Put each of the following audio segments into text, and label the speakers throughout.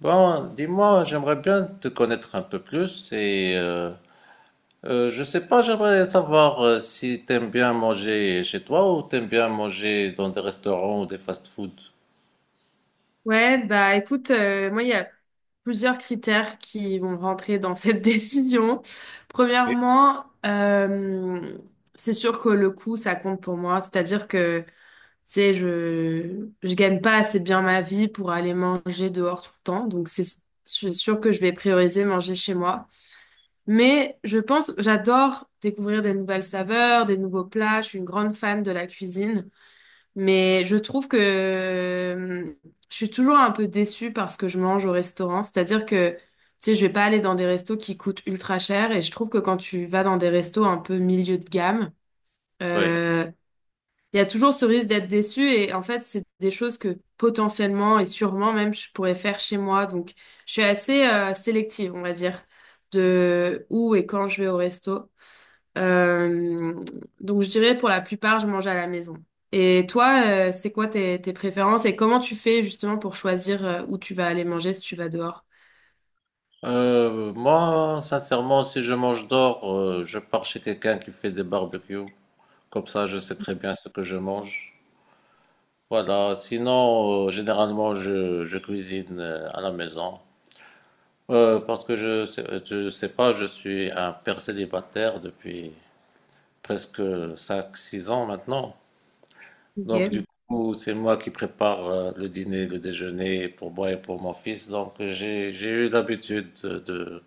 Speaker 1: Bon, dis-moi, j'aimerais bien te connaître un peu plus et je sais pas, j'aimerais savoir, si t'aimes bien manger chez toi ou t'aimes bien manger dans des restaurants ou des fast-food.
Speaker 2: Ouais, bah écoute, moi il y a plusieurs critères qui vont rentrer dans cette décision.
Speaker 1: Ok.
Speaker 2: Premièrement, c'est sûr que le coût, ça compte pour moi. C'est-à-dire que, tu sais, je gagne pas assez bien ma vie pour aller manger dehors tout le temps. Donc c'est sûr que je vais prioriser manger chez moi. Mais je pense, j'adore découvrir des nouvelles saveurs, des nouveaux plats. Je suis une grande fan de la cuisine. Mais je trouve que je suis toujours un peu déçue parce que je mange au restaurant. C'est-à-dire que, tu sais, je vais pas aller dans des restos qui coûtent ultra cher. Et je trouve que quand tu vas dans des restos un peu milieu de gamme,
Speaker 1: Oui.
Speaker 2: euh, il y a toujours ce risque d'être déçu. Et en fait, c'est des choses que potentiellement et sûrement même je pourrais faire chez moi. Donc, je suis assez sélective, on va dire, de où et quand je vais au resto. Euh, donc je dirais pour la plupart, je mange à la maison. Et toi, c'est quoi tes, tes préférences et comment tu fais justement pour choisir où tu vas aller manger si tu vas dehors?
Speaker 1: Moi, sincèrement, si je mange dehors, je pars chez quelqu'un qui fait des barbecues. Comme ça, je sais très bien ce que je mange. Voilà. Sinon, généralement, je cuisine à la maison. Parce que je sais pas, je suis un père célibataire depuis presque cinq six ans maintenant. Donc,
Speaker 2: Ok.
Speaker 1: du coup, c'est moi qui prépare, le dîner, le déjeuner pour moi et pour mon fils. Donc, j'ai eu l'habitude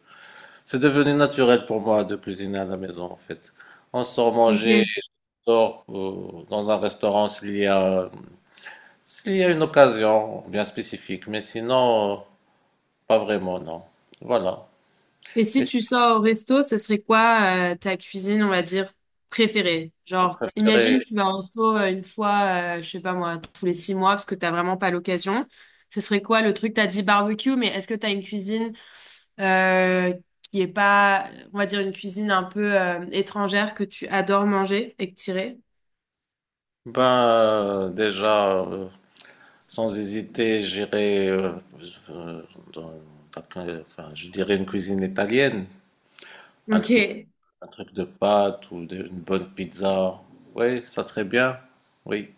Speaker 1: C'est devenu naturel pour moi de cuisiner à la maison, en fait. On sort manger,
Speaker 2: Ok.
Speaker 1: on sort dans un restaurant s'il y a une occasion bien spécifique. Mais sinon, pas vraiment, non. Voilà.
Speaker 2: Et si
Speaker 1: Et c'est
Speaker 2: tu sors au resto, ce serait quoi ta cuisine, on va dire, préférée?
Speaker 1: ma
Speaker 2: Genre, imagine
Speaker 1: préférée.
Speaker 2: tu vas au resto une fois, je sais pas moi, tous les 6 mois parce que t'as vraiment pas l'occasion. Ce serait quoi le truc? T'as dit barbecue, mais est-ce que t'as une cuisine euh, qui est pas, on va dire, une cuisine un peu étrangère que tu adores manger et que tirer.
Speaker 1: Ben, euh, déjà, euh, sans hésiter, j'irai, euh, enfin, je dirais une cuisine italienne, un
Speaker 2: Ok,
Speaker 1: truc, un truc de pâtes une bonne pizza. Oui, ça serait bien. Oui,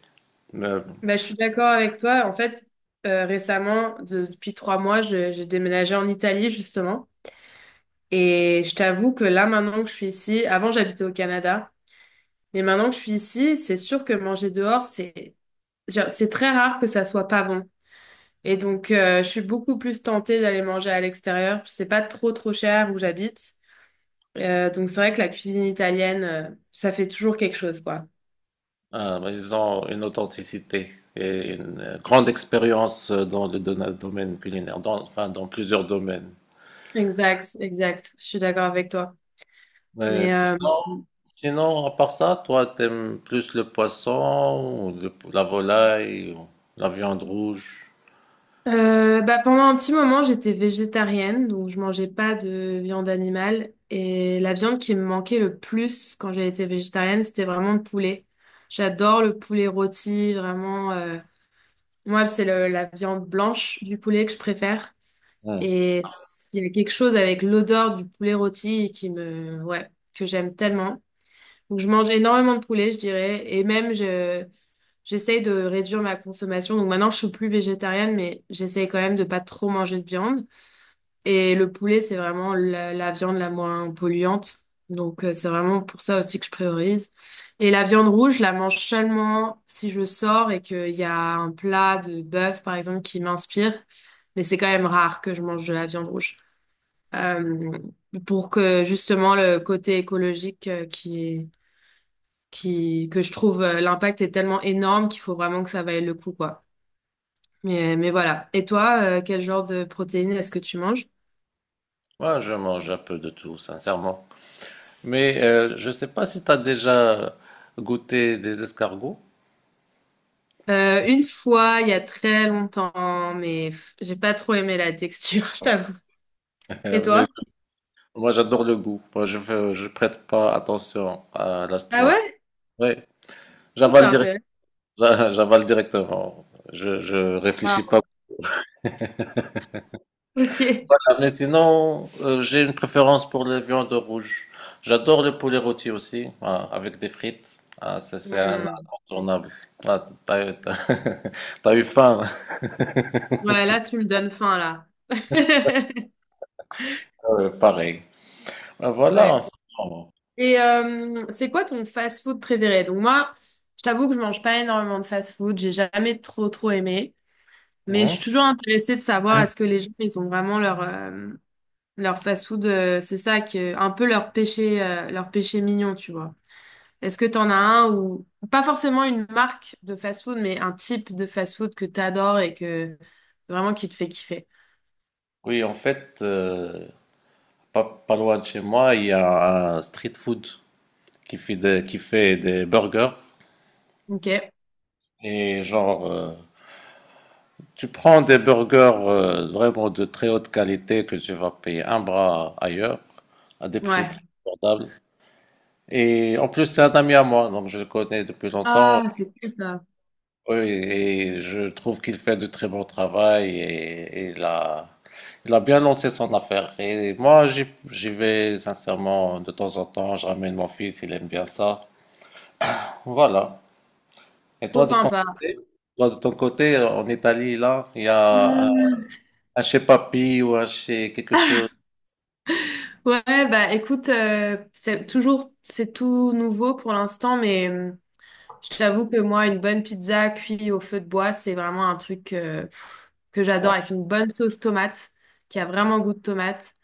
Speaker 1: mais,
Speaker 2: bah, je suis d'accord avec toi. En fait, récemment, depuis 3 mois, j'ai déménagé en Italie, justement. Et je t'avoue que là, maintenant que je suis ici, avant j'habitais au Canada, mais maintenant que je suis ici, c'est sûr que manger dehors, c'est genre, c'est très rare que ça soit pas bon. Et donc, je suis beaucoup plus tentée d'aller manger à l'extérieur. C'est pas trop trop cher où j'habite. Donc c'est vrai que la cuisine italienne, ça fait toujours quelque chose, quoi.
Speaker 1: mais ils ont une authenticité et une, grande expérience, dans le domaine culinaire, dans, enfin, dans plusieurs domaines.
Speaker 2: Exact, exact. Je suis d'accord avec toi.
Speaker 1: Mais
Speaker 2: Mais
Speaker 1: sinon, sinon, à part ça, toi, t'aimes plus le poisson ou la volaille ou la viande rouge?
Speaker 2: bah, pendant un petit moment, j'étais végétarienne, donc je mangeais pas de viande animale. Et la viande qui me manquait le plus quand j'ai été végétarienne, c'était vraiment le poulet. J'adore le poulet rôti, vraiment. Moi, c'est la viande blanche du poulet que je préfère.
Speaker 1: Hmm.
Speaker 2: Et il y a quelque chose avec l'odeur du poulet rôti qui me, ouais, que j'aime tellement. Donc, je mange énormément de poulet, je dirais. Et même, j'essaye de réduire ma consommation. Donc, maintenant, je suis plus végétarienne, mais j'essaye quand même de pas trop manger de viande. Et le poulet, c'est vraiment la viande la moins polluante. Donc, c'est vraiment pour ça aussi que je priorise. Et la viande rouge, je la mange seulement si je sors et qu'il y a un plat de bœuf, par exemple, qui m'inspire. Mais c'est quand même rare que je mange de la viande rouge. Euh, pour que justement le côté écologique que je trouve l'impact est tellement énorme qu'il faut vraiment que ça vaille le coup, quoi. Mais voilà. Et toi, quel genre de protéines est-ce que tu manges?
Speaker 1: Moi, je mange un peu de tout, sincèrement. Mais je sais pas si tu as déjà goûté des escargots.
Speaker 2: Une fois, il y a très longtemps, mais pff, j'ai pas trop aimé la texture, je t'avoue. Et
Speaker 1: Mais
Speaker 2: toi?
Speaker 1: moi, j'adore le goût. Moi, je prête pas attention à
Speaker 2: Ah ouais?
Speaker 1: Ouais,
Speaker 2: C'est
Speaker 1: j'avale direct,
Speaker 2: intéressant.
Speaker 1: j'avale directement. Je réfléchis
Speaker 2: Ah,
Speaker 1: pas.
Speaker 2: ok.
Speaker 1: Voilà. Mais sinon, j'ai une préférence pour les viandes rouges. J'adore le poulet rôti aussi, ah, avec des frites. Ah, ça, c'est un
Speaker 2: Hmm.
Speaker 1: incontournable. Ah, t'as, eu t'as- t'as eu faim,
Speaker 2: Ouais, là, tu me donnes faim, là.
Speaker 1: Pareil. Ah, voilà, en
Speaker 2: Ouais.
Speaker 1: ce moment.
Speaker 2: Et c'est quoi ton fast-food préféré? Donc moi, je t'avoue que je mange pas énormément de fast-food, j'ai jamais trop trop aimé. Mais je
Speaker 1: Hein.
Speaker 2: suis toujours intéressée de savoir est-ce que les gens, ils ont vraiment leur, leur fast-food, c'est ça, que, un peu leur péché mignon, tu vois. Est-ce que t'en as un ou pas forcément une marque de fast-food, mais un type de fast-food que t'adores et que vraiment qui te fait kiffer?
Speaker 1: Oui, en fait, pas, pas loin de chez moi, il y a un street food qui fait des burgers.
Speaker 2: Ok,
Speaker 1: Et genre, tu prends des burgers, vraiment de très haute qualité que tu vas payer un bras ailleurs, à des prix très
Speaker 2: ouais.
Speaker 1: abordables. Et en plus, c'est un ami à moi, donc je le connais depuis longtemps.
Speaker 2: Ah, c'est cool ça.
Speaker 1: Oui, et je trouve qu'il fait de très bon travail et, il a bien lancé son affaire. Et moi, j'y vais sincèrement de temps en temps, je ramène mon fils, il aime bien ça. Voilà. Et
Speaker 2: Trop
Speaker 1: toi de ton
Speaker 2: sympa.
Speaker 1: côté, toi de ton côté, en Italie, là, il y a
Speaker 2: Euh,
Speaker 1: un chez Papi ou un chez quelque chose.
Speaker 2: Ouais, bah écoute, c'est toujours, c'est tout nouveau pour l'instant, mais. Je t'avoue que moi, une bonne pizza cuite au feu de bois, c'est vraiment un truc pff, que j'adore
Speaker 1: Ah,
Speaker 2: avec une bonne sauce tomate, qui a vraiment goût de tomate.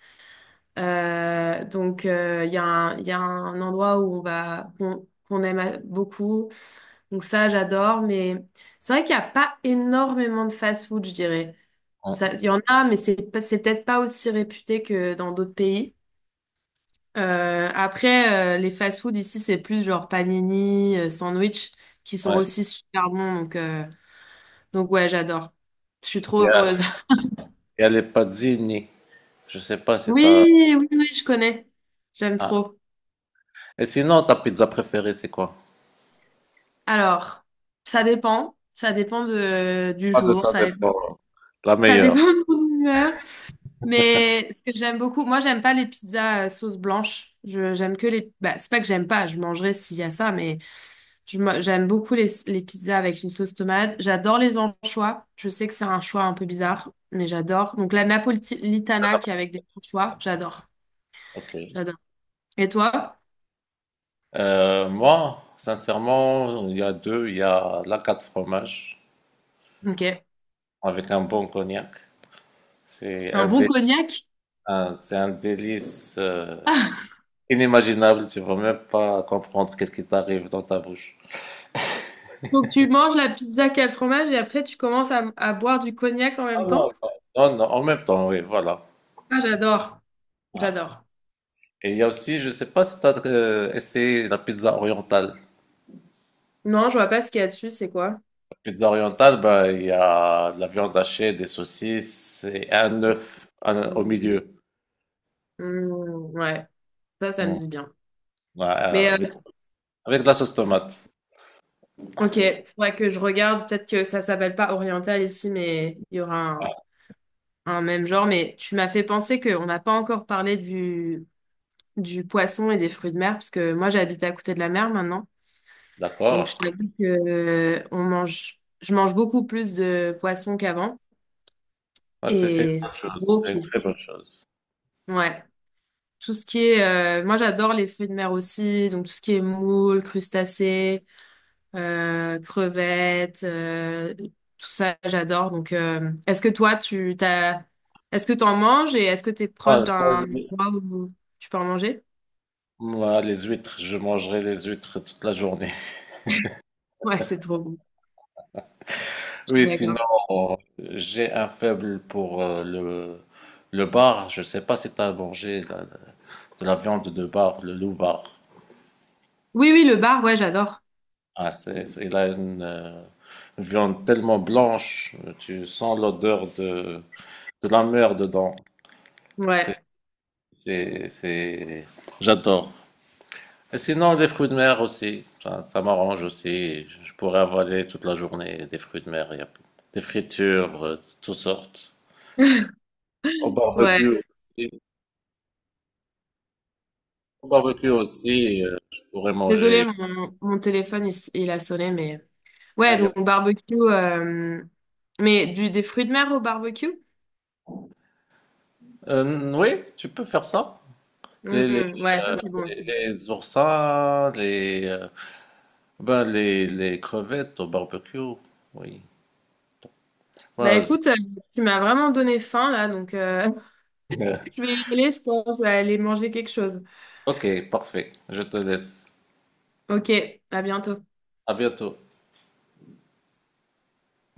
Speaker 2: Donc, il y a un, il y a un endroit où on va, qu'on aime beaucoup. Donc ça, j'adore. Mais c'est vrai qu'il n'y a pas énormément de fast-food, je dirais. Ça,
Speaker 1: ah,
Speaker 2: il y en a, mais c'est peut-être pas aussi réputé que dans d'autres pays. Après, les fast-food ici, c'est plus genre panini, sandwich, qui sont
Speaker 1: ouais.
Speaker 2: aussi super bons. Donc ouais, j'adore. Je suis trop
Speaker 1: Il y a,
Speaker 2: heureuse.
Speaker 1: il y a les pazzini. Je sais pas si
Speaker 2: Oui,
Speaker 1: t'as.
Speaker 2: oui, oui, je connais. J'aime
Speaker 1: Ah.
Speaker 2: trop.
Speaker 1: Et sinon, ta pizza préférée, c'est quoi?
Speaker 2: Alors, ça dépend. Ça dépend de, du
Speaker 1: Pas de ça
Speaker 2: jour.
Speaker 1: dépend. La
Speaker 2: Ça dépend
Speaker 1: meilleure.
Speaker 2: de mon humeur. Mais ce que j'aime beaucoup, moi j'aime pas les pizzas sauce blanche. Je j'aime que les. Bah, c'est pas que j'aime pas, je mangerai s'il y a ça, mais j'aime beaucoup les pizzas avec une sauce tomate. J'adore les anchois. Je sais que c'est un choix un peu bizarre, mais j'adore. Donc la napolitana qui est avec des anchois, j'adore,
Speaker 1: Ok.
Speaker 2: j'adore. Et toi?
Speaker 1: Moi, sincèrement, il y a deux. Il y a la quatre fromages
Speaker 2: Ok.
Speaker 1: avec un bon cognac. C'est
Speaker 2: Un
Speaker 1: un,
Speaker 2: bon
Speaker 1: dé-
Speaker 2: cognac?
Speaker 1: c'est un délice, inimaginable. Tu vas même pas comprendre qu'est-ce qui t'arrive dans ta bouche.
Speaker 2: Donc tu manges la pizza qu'à le fromage et après tu commences à boire du cognac en
Speaker 1: Ah
Speaker 2: même
Speaker 1: non,
Speaker 2: temps?
Speaker 1: non, non, en même temps, oui, voilà.
Speaker 2: Ah j'adore,
Speaker 1: Ah.
Speaker 2: j'adore.
Speaker 1: Et il y a aussi, je sais pas si tu as essayé la pizza orientale.
Speaker 2: Non, je vois pas ce qu'il y a dessus, c'est quoi?
Speaker 1: La pizza orientale, ben, il y a de la viande hachée, des saucisses et un œuf au milieu.
Speaker 2: Hmm, ouais, ça me
Speaker 1: Mm.
Speaker 2: dit bien.
Speaker 1: Ouais,
Speaker 2: Mais
Speaker 1: avec de la sauce tomate.
Speaker 2: ok, faudrait que je regarde. Peut-être que ça s'appelle pas oriental ici, mais il y aura un même genre. Mais tu m'as fait penser qu'on n'a pas encore parlé du poisson et des fruits de mer, parce que moi, j'habite à côté de la mer maintenant. Donc, je
Speaker 1: D'accord.
Speaker 2: t'avoue que on mange, je mange beaucoup plus de poissons qu'avant.
Speaker 1: Ouais, c'est une
Speaker 2: Et
Speaker 1: bonne
Speaker 2: c'est
Speaker 1: chose,
Speaker 2: gros
Speaker 1: c'est une
Speaker 2: qui.
Speaker 1: très bonne chose.
Speaker 2: Ouais. Tout ce qui est. Moi, j'adore les fruits de mer aussi. Donc, tout ce qui est moules, crustacés. Crevettes, tout ça, j'adore. Donc, est-ce que toi, est-ce que t'en manges et est-ce que t'es proche
Speaker 1: Moi, moi,
Speaker 2: d'un
Speaker 1: les
Speaker 2: endroit où tu peux en manger?
Speaker 1: moi, les huîtres, je mangerai les huîtres toute la journée.
Speaker 2: Ouais, c'est trop bon. Je suis
Speaker 1: Oui, sinon,
Speaker 2: d'accord.
Speaker 1: j'ai un faible pour, le bar. Je sais pas si tu as mangé de la viande de bar, le loup bar.
Speaker 2: Oui, oui, le bar, ouais, j'adore.
Speaker 1: Ah, il a une, viande tellement blanche, tu sens l'odeur de la mer dedans. C'est,
Speaker 2: Ouais,
Speaker 1: c'est, c'est... J'adore. Et sinon, des fruits de mer aussi. Ça m'arrange aussi. Je pourrais avaler toute la journée des fruits de mer. Il y a des fritures, de toutes sortes. Au
Speaker 2: ouais.
Speaker 1: barbecue aussi. Au barbecue aussi, je pourrais
Speaker 2: Désolée,
Speaker 1: manger.
Speaker 2: mon téléphone, il a sonné, mais
Speaker 1: Euh,
Speaker 2: ouais,
Speaker 1: il y a-
Speaker 2: donc barbecue, mais du, des fruits de mer au barbecue?
Speaker 1: Oui, tu peux faire ça. Les, les,
Speaker 2: Mhm, ouais, ça
Speaker 1: euh,
Speaker 2: c'est bon aussi.
Speaker 1: les oursins, les crevettes au barbecue. Oui.
Speaker 2: Bah
Speaker 1: Voilà, je-
Speaker 2: écoute, tu m'as vraiment donné faim là, donc je vais y aller, je pense, je vais aller manger quelque chose.
Speaker 1: Ok, parfait. Je te laisse.
Speaker 2: Ok, à bientôt.
Speaker 1: À bientôt.